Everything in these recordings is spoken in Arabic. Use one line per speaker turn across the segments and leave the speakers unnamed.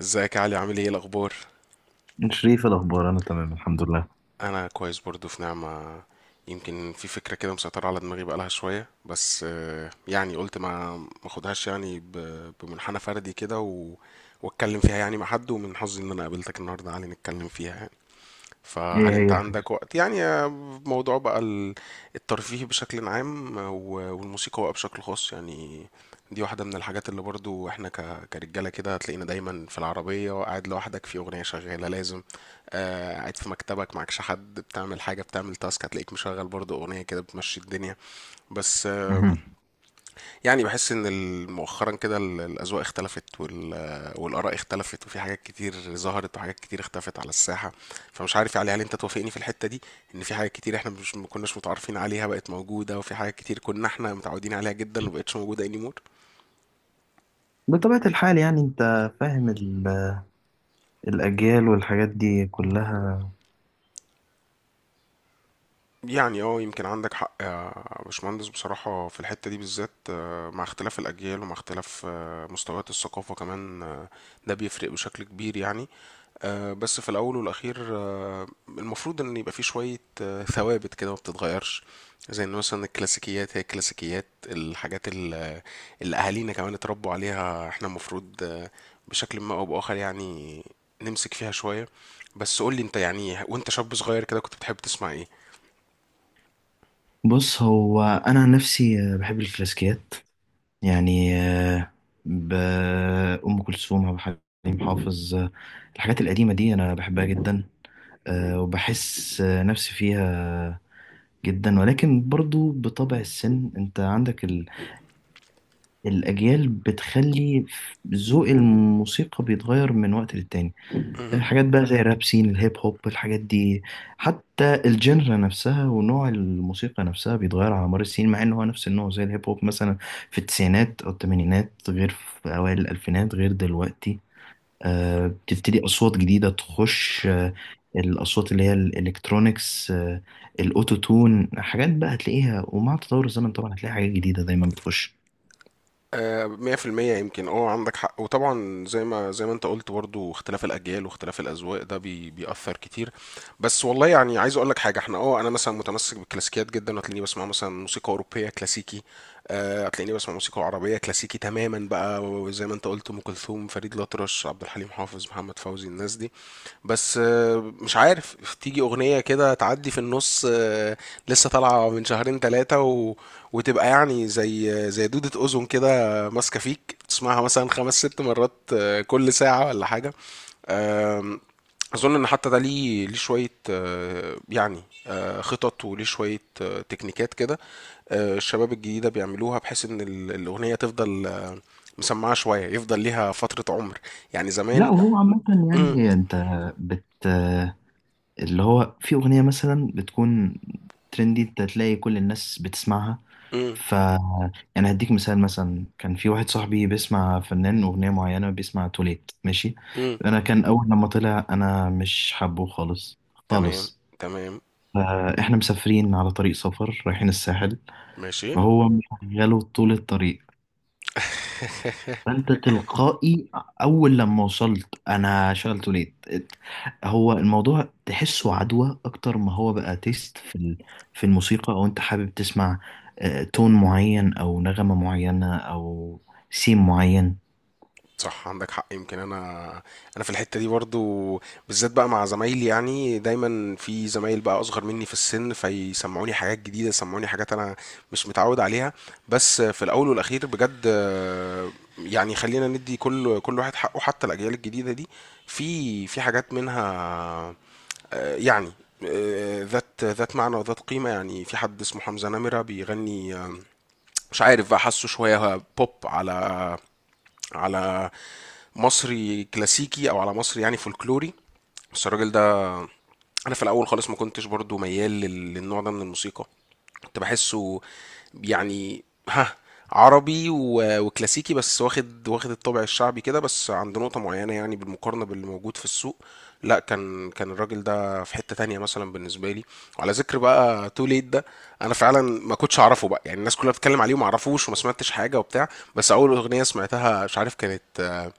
ازيك يا علي؟ عامل ايه الاخبار؟
شريف، الأخبار؟ أنا تمام الحمد لله.
انا كويس برضو، في نعمة. يمكن في فكرة كده مسيطرة على دماغي بقالها شوية، بس يعني قلت ما اخدهاش يعني بمنحنى فردي كده واتكلم فيها يعني مع حد، ومن حظي ان انا قابلتك النهارده يا علي نتكلم فيها يعني.
إيه
فهل انت
هي
عندك
الفكرة؟
وقت يعني؟ موضوع بقى الترفيه بشكل عام والموسيقى بقى بشكل خاص يعني. دي واحدة من الحاجات اللي برضو احنا كرجالة كده هتلاقينا دايما في العربية قاعد لوحدك في أغنية شغالة لازم. قاعد في مكتبك معكش حد، بتعمل حاجة، بتعمل تاسك، هتلاقيك مشغل برضو أغنية كده بتمشي الدنيا بس.
مهم.
يعني بحس ان مؤخرا كده الاذواق اختلفت والاراء اختلفت، وفي حاجات كتير ظهرت وحاجات كتير اختفت على الساحه. فمش عارف يعني، هل انت توافقني في الحته دي؟ ان في حاجات كتير احنا مش ما كناش متعارفين عليها بقت موجوده، وفي حاجات كتير كنا احنا متعودين عليها جدا ومبقتش موجوده anymore.
بطبيعة الحال يعني أنت فاهم الأجيال والحاجات دي كلها.
يعني اه يمكن عندك حق يا باشمهندس بصراحه. في الحته دي بالذات مع اختلاف الاجيال ومع اختلاف مستويات الثقافه كمان، ده بيفرق بشكل كبير يعني. بس في الأول والأخير المفروض إن يبقى فيه شوية ثوابت كده ما بتتغيرش، زي إن مثلا الكلاسيكيات هي الكلاسيكيات. الحاجات اللي أهالينا كمان اتربوا عليها إحنا المفروض بشكل ما أو بآخر يعني نمسك فيها شوية. بس قولي أنت يعني، وأنت شاب صغير كده كنت بتحب تسمع إيه؟
بص، هو أنا عن نفسي بحب الكلاسيكيات، يعني ب- أم كلثوم، عبد الحليم حافظ الحاجات القديمة دي أنا بحبها جدا، وبحس نفسي فيها جدا. ولكن برضو بطبع السن انت عندك الأجيال بتخلي ذوق الموسيقى بيتغير من وقت للتاني. حاجات بقى زي الراب سين الهيب هوب، الحاجات دي حتى الجنرا نفسها ونوع الموسيقى نفسها بيتغير على مر السنين، مع ان هو نفس النوع زي الهيب هوب مثلا في التسعينات او الثمانينات غير في اوائل الالفينات غير دلوقتي. بتبتدي اصوات جديده تخش، الاصوات اللي هي الالكترونيكس، الاوتو تون، حاجات بقى هتلاقيها، ومع تطور الزمن طبعا هتلاقي حاجات جديده دايما بتخش.
100% يمكن اه عندك حق، وطبعا زي ما انت قلت برضو اختلاف الاجيال واختلاف الاذواق ده بيأثر كتير. بس والله يعني عايز اقول لك حاجه، احنا اه انا مثلا متمسك بالكلاسيكيات جدا، وهتلاقيني بسمع مثلا موسيقى اوروبيه كلاسيكي. هتلاقيني بسمع موسيقى عربية كلاسيكي تماما بقى، وزي ما انت قلت ام كلثوم، فريد الأطرش، عبد الحليم حافظ، محمد فوزي، الناس دي. بس مش عارف، تيجي أغنية كده تعدي في النص لسه طالعة من شهرين ثلاثة وتبقى يعني زي زي دودة أذن كده ماسكة فيك، تسمعها مثلا خمس ست مرات كل ساعة ولا حاجة. آم، اظن ان حتى ده ليه شويه يعني خطط وليه شويه تكنيكات كده الشباب الجديدة بيعملوها بحيث ان الأغنية تفضل مسمعة شوية، يفضل ليها فترة عمر يعني
لا،
زمان.
وهو عامة
مم،
يعني انت بت اللي هو في أغنية مثلا بتكون ترندي انت تلاقي كل الناس بتسمعها.
مم،
فأنا هديك مثال، مثلا كان في واحد صاحبي بيسمع فنان، أغنية معينة بيسمع، توليت، ماشي؟
مم،
أنا كان أول لما طلع أنا مش حابه خالص،
تمام.
خالص.
تمام.
فإحنا مسافرين على طريق سفر رايحين الساحل،
ماشي.
فهو مشغله طول الطريق، فانت تلقائي اول لما وصلت انا شغلته ليه. هو الموضوع تحسه عدوى اكتر ما هو بقى تيست في الموسيقى، او انت حابب تسمع تون معين او نغمة معينة او سيم معين.
صح، عندك حق. يمكن انا في الحته دي برضو بالذات بقى مع زمايلي، يعني دايما في زمايل بقى اصغر مني في السن، فيسمعوني حاجات جديده، يسمعوني حاجات انا مش متعود عليها. بس في الاول والاخير بجد يعني خلينا ندي كل واحد حقه. حتى الاجيال الجديده دي في حاجات منها يعني ذات معنى وذات قيمة يعني. في حد اسمه حمزة نمرة بيغني مش عارف بقى، حاسه شوية بوب على على مصري كلاسيكي او على مصري يعني فولكلوري. بس الراجل ده انا في الاول خالص ما كنتش برضو ميال للنوع ده من الموسيقى، كنت بحسه يعني ها، عربي وكلاسيكي، بس واخد الطابع الشعبي كده، بس عند نقطة معينة يعني بالمقارنة باللي موجود في السوق، لا كان الراجل ده في حتة تانية مثلا بالنسبة لي. وعلى ذكر بقى تو ليت ده، انا فعلا ما كنتش اعرفه بقى يعني، الناس كلها بتتكلم عليه وما اعرفوش وما سمعتش حاجة وبتاع. بس اول اغنية سمعتها مش عارف كانت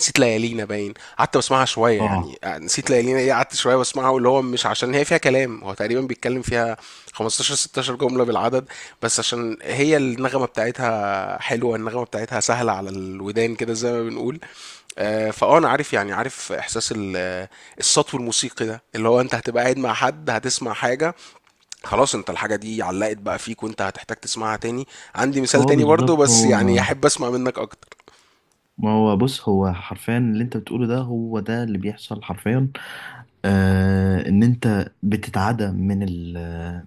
نسيت ليالينا، باين. قعدت بسمعها شويه،
اه،
يعني نسيت ليالينا ايه؟ قعدت شويه بسمعها، واللي هو مش عشان هي فيها كلام، هو تقريبا بيتكلم فيها 15 16 جمله بالعدد، بس عشان هي النغمه بتاعتها حلوه، النغمه بتاعتها سهله على الودان كده زي ما بنقول. فاه انا عارف يعني، عارف احساس السطو الموسيقي ده، اللي هو انت هتبقى قاعد مع حد هتسمع حاجه، خلاص، انت الحاجه دي علقت بقى فيك، وانت هتحتاج تسمعها تاني. عندي
ما
مثال
هو
تاني برضه،
بالظبط
بس
هو
يعني احب اسمع منك اكتر.
ما هو بص، هو حرفيا اللي انت بتقوله ده هو ده اللي بيحصل حرفيا. آه، ان انت بتتعدى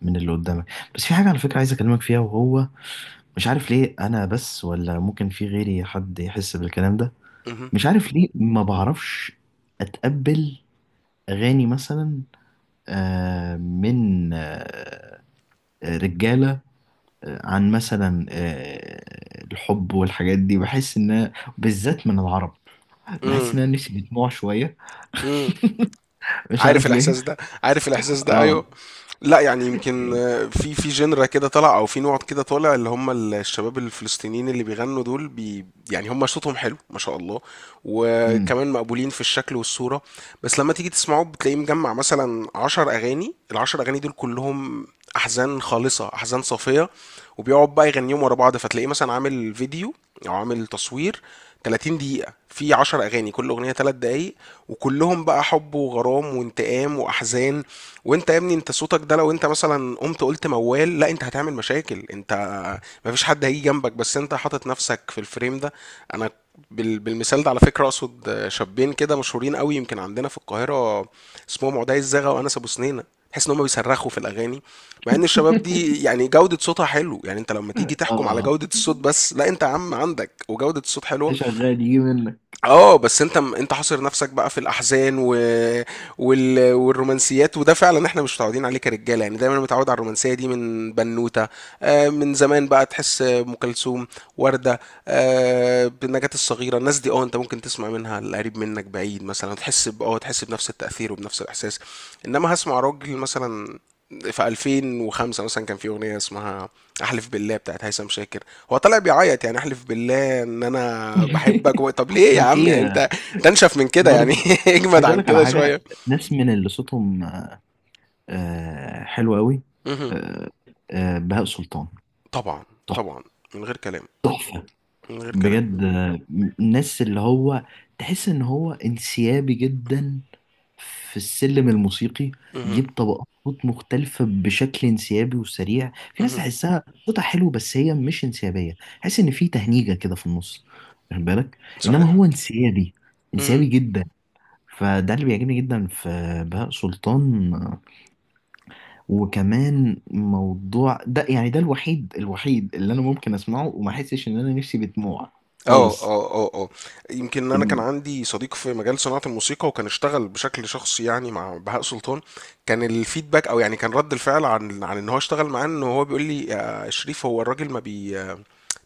من اللي قدامك. بس في حاجة، على فكرة، عايز اكلمك فيها، وهو مش عارف ليه انا بس ولا ممكن في غيري حد يحس بالكلام ده.
مهم.
مش عارف ليه، ما بعرفش اتقبل اغاني مثلا من رجاله، عن مثلا الحب والحاجات دي. بحس ان بالذات من العرب بحس
مم.
ان انا نفسي بدموع شويه،
مم.
مش
عارف
عارف
الاحساس
ليه.
ده؟ عارف الاحساس ده؟ ايوه.
اه
لا يعني يمكن
يعني
في جنرا كده طالع او في نوع كده طالع، اللي هم الشباب الفلسطينيين اللي بيغنوا دول بي يعني، هم صوتهم حلو ما شاء الله،
امم،
وكمان مقبولين في الشكل والصورة. بس لما تيجي تسمعه بتلاقيه مجمع مثلا عشر أغاني، العشر أغاني دول كلهم أحزان خالصة، أحزان صافية، وبيقعد بقى يغنيهم ورا بعض. فتلاقيه مثلا عامل فيديو أو عامل تصوير 30 دقيقة في 10 أغاني، كل أغنية 3 دقايق، وكلهم بقى حب وغرام وانتقام وأحزان. وأنت يا ابني أنت صوتك ده لو أنت مثلا قمت قلت موال، لا أنت هتعمل مشاكل، أنت مفيش حد هيجي جنبك بس أنت حاطط نفسك في الفريم ده. أنا بالمثال ده على فكرة أقصد شابين كده مشهورين قوي يمكن عندنا في القاهرة، اسمهم عدي الزغا وأنس أبو سنينة. تحس إن هم بيصرخوا في الأغاني، مع إن الشباب دي يعني جودة صوتها حلو، يعني أنت لما تيجي تحكم على
اه
جودة الصوت بس، لا أنت يا عم عندك وجودة الصوت حلوة.
شغال يجي منك.
اه بس انت حاصر نفسك بقى في الاحزان والرومانسيات، وده فعلا احنا مش متعودين عليه كرجاله، يعني دايما متعود على الرومانسيه دي من بنوته، آه من زمان بقى، تحس ام كلثوم، ورده، آه نجاة الصغيره، الناس دي اه انت ممكن تسمع منها القريب منك بعيد مثلا، تحس اه تحس بنفس التاثير وبنفس الاحساس. انما هسمع راجل مثلا في 2005 مثلا كان في اغنيه اسمها احلف بالله بتاعت هيثم شاكر، هو طلع بيعيط يعني احلف بالله ان انا بحبك طب ليه يا
كان
عم يعني
في،
انت تنشف من كده يعني
برضه
اجمد
عايز اقول
عن
لك على
كده شويه.
حاجه، ناس من اللي صوتهم حلو قوي،
مهم.
آه، بهاء سلطان،
طبعا.
تحفه.
طبعا. من غير كلام.
تحفة.
من غير كلام.
بجد الناس اللي هو تحس ان هو انسيابي جدا في السلم الموسيقي،
مهم.
يجيب طبقات صوت مختلفة بشكل انسيابي وسريع. في ناس
مهم.
تحسها صوتها حلو بس هي مش انسيابية، تحس ان في تهنيجة كده في النص، واخد بالك؟ انما
صحيح.
هو انسيابي،
مهم.
انسيابي جدا. فده اللي بيعجبني جدا في بهاء سلطان. وكمان موضوع ده يعني ده الوحيد اللي انا ممكن اسمعه وما احسش ان انا نفسي بدموع
اه
خالص.
اه اه اه. يمكن انا كان عندي صديق في مجال صناعة الموسيقى وكان اشتغل بشكل شخصي يعني مع بهاء سلطان، كان الفيدباك او يعني كان رد الفعل عن ان هو اشتغل معاه، ان هو بيقول لي يا شريف هو الراجل ما بي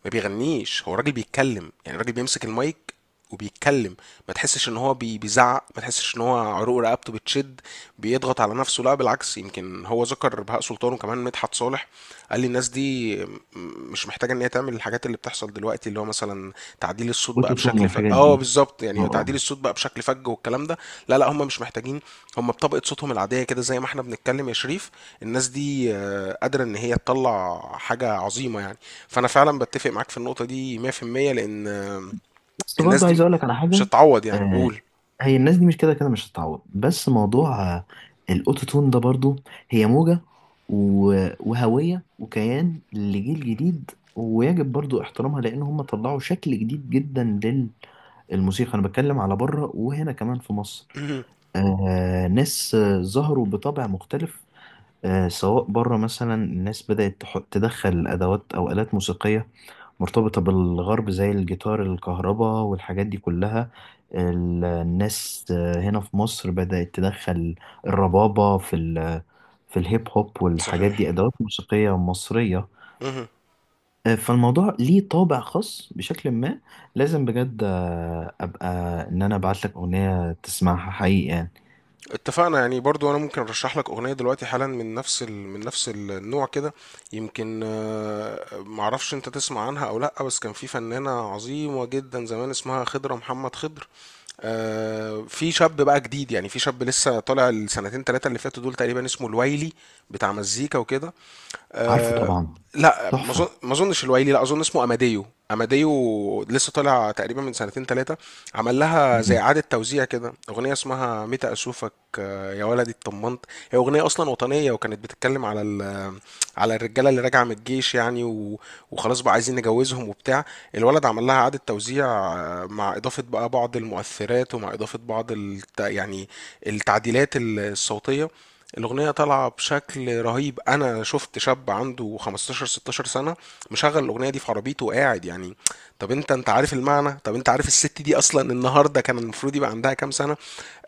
ما بيغنيش هو الراجل بيتكلم يعني، الراجل بيمسك المايك وبيتكلم، ما تحسش ان هو بيزعق، ما تحسش ان هو عروق رقبته بتشد، بيضغط على نفسه، لا بالعكس. يمكن هو ذكر بهاء سلطان وكمان مدحت صالح، قال لي الناس دي مش محتاجه ان هي تعمل الحاجات اللي بتحصل دلوقتي، اللي هو مثلا تعديل الصوت بقى
الاوتوتون
بشكل فج،
والحاجات
اه
دي،
بالظبط
اه
يعني تعديل
آه.
الصوت بقى بشكل فج والكلام ده. لا هم مش محتاجين، هم بطبقة صوتهم العادية كده زي ما احنا بنتكلم يا شريف، الناس دي قادرة ان هي تطلع حاجة عظيمة يعني. فانا فعلا بتفق معاك في النقطة دي 100%، لان
بس
الناس
برضه عايز
دي
اقول لك على
مش
حاجه،
هتعوض يعني،
آه،
قول.
هي الناس دي مش كده كده مش هتتعوض، بس موضوع الاوتوتون ده برضه هي موجه وهويه وكيان لجيل جديد، ويجب برضو احترامها، لان هم طلعوا شكل جديد جدا للموسيقى. انا بتكلم على بره وهنا كمان في مصر، ناس ظهروا بطبع مختلف. سواء بره مثلا، الناس بدأت تدخل أدوات أو آلات موسيقية مرتبطة بالغرب زي الجيتار الكهرباء والحاجات دي كلها. الناس هنا في مصر بدأت تدخل الربابة في الهيب هوب والحاجات
صحيح.
دي، أدوات موسيقية مصرية فالموضوع ليه طابع خاص بشكل ما. لازم بجد أبقى إن أنا أبعت لك أغنية تسمعها حقيقي يعني.
اتفقنا يعني. برضو انا ممكن ارشح لك اغنيه دلوقتي حالا من نفس من نفس النوع كده، يمكن معرفش انت تسمع عنها او لا، بس كان في فنانه عظيمه جدا زمان اسمها خضره محمد خضر. في شاب بقى جديد، يعني في شاب لسه طالع السنتين ثلاثه اللي فاتوا دول تقريبا، اسمه الويلي بتاع مزيكا وكده
عارفه
آه،
طبعا.
لا ما اظن،
تحفة.
ما اظنش الويلي، لا اظن اسمه اماديو. اماديو لسه طالع تقريبا من سنتين ثلاثه، عمل لها زي
مم.
اعاده توزيع كده اغنيه اسمها متى اشوفك يا ولدي اتطمنت. هي اغنيه اصلا وطنيه، وكانت بتتكلم على على الرجاله اللي راجعه من الجيش، يعني وخلاص بقى عايزين نجوزهم وبتاع. الولد عمل لها اعاده توزيع مع اضافه بقى بعض المؤثرات، ومع اضافه بعض يعني التعديلات الصوتيه. الأغنية طالعة بشكل رهيب. أنا شفت شاب عنده 15 16 سنة مشغل الأغنية دي في عربيته وقاعد يعني، طب أنت عارف المعنى؟ طب أنت عارف الست دي أصلا النهاردة كان المفروض يبقى عندها كام سنة؟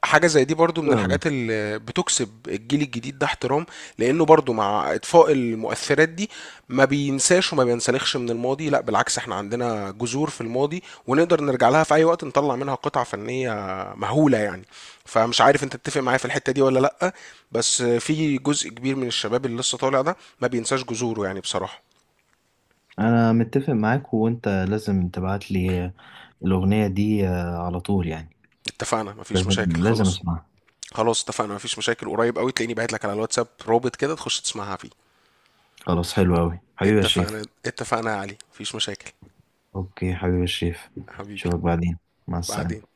حاجة زي دي برضو من
حلو أوي.
الحاجات اللي بتكسب الجيل الجديد ده احترام، لأنه برضو مع إطفاء المؤثرات دي ما بينساش وما بينسلخش من الماضي، لا بالعكس، احنا عندنا جذور في الماضي ونقدر نرجع لها في أي وقت، نطلع منها قطعة فنية مهولة يعني. فمش عارف انت تتفق معايا في الحتة دي ولا لأ، بس في جزء كبير من الشباب اللي لسه طالع ده ما بينساش جذوره يعني بصراحة.
أنا متفق معاك، وأنت لازم تبعت لي الأغنية دي على طول يعني،
اتفقنا، مفيش مشاكل،
لازم
خلاص.
أسمعها.
خلاص اتفقنا مفيش مشاكل، قريب قوي تلاقيني باعت لك على الواتساب رابط كده تخش تسمعها فيه.
خلاص، حلو أوي حبيبي يا شريف.
اتفقنا، اتفقنا يا علي، مفيش مشاكل.
أوكي حبيبي يا شريف،
حبيبي.
أشوفك بعدين، مع
بعدين.
السلامة.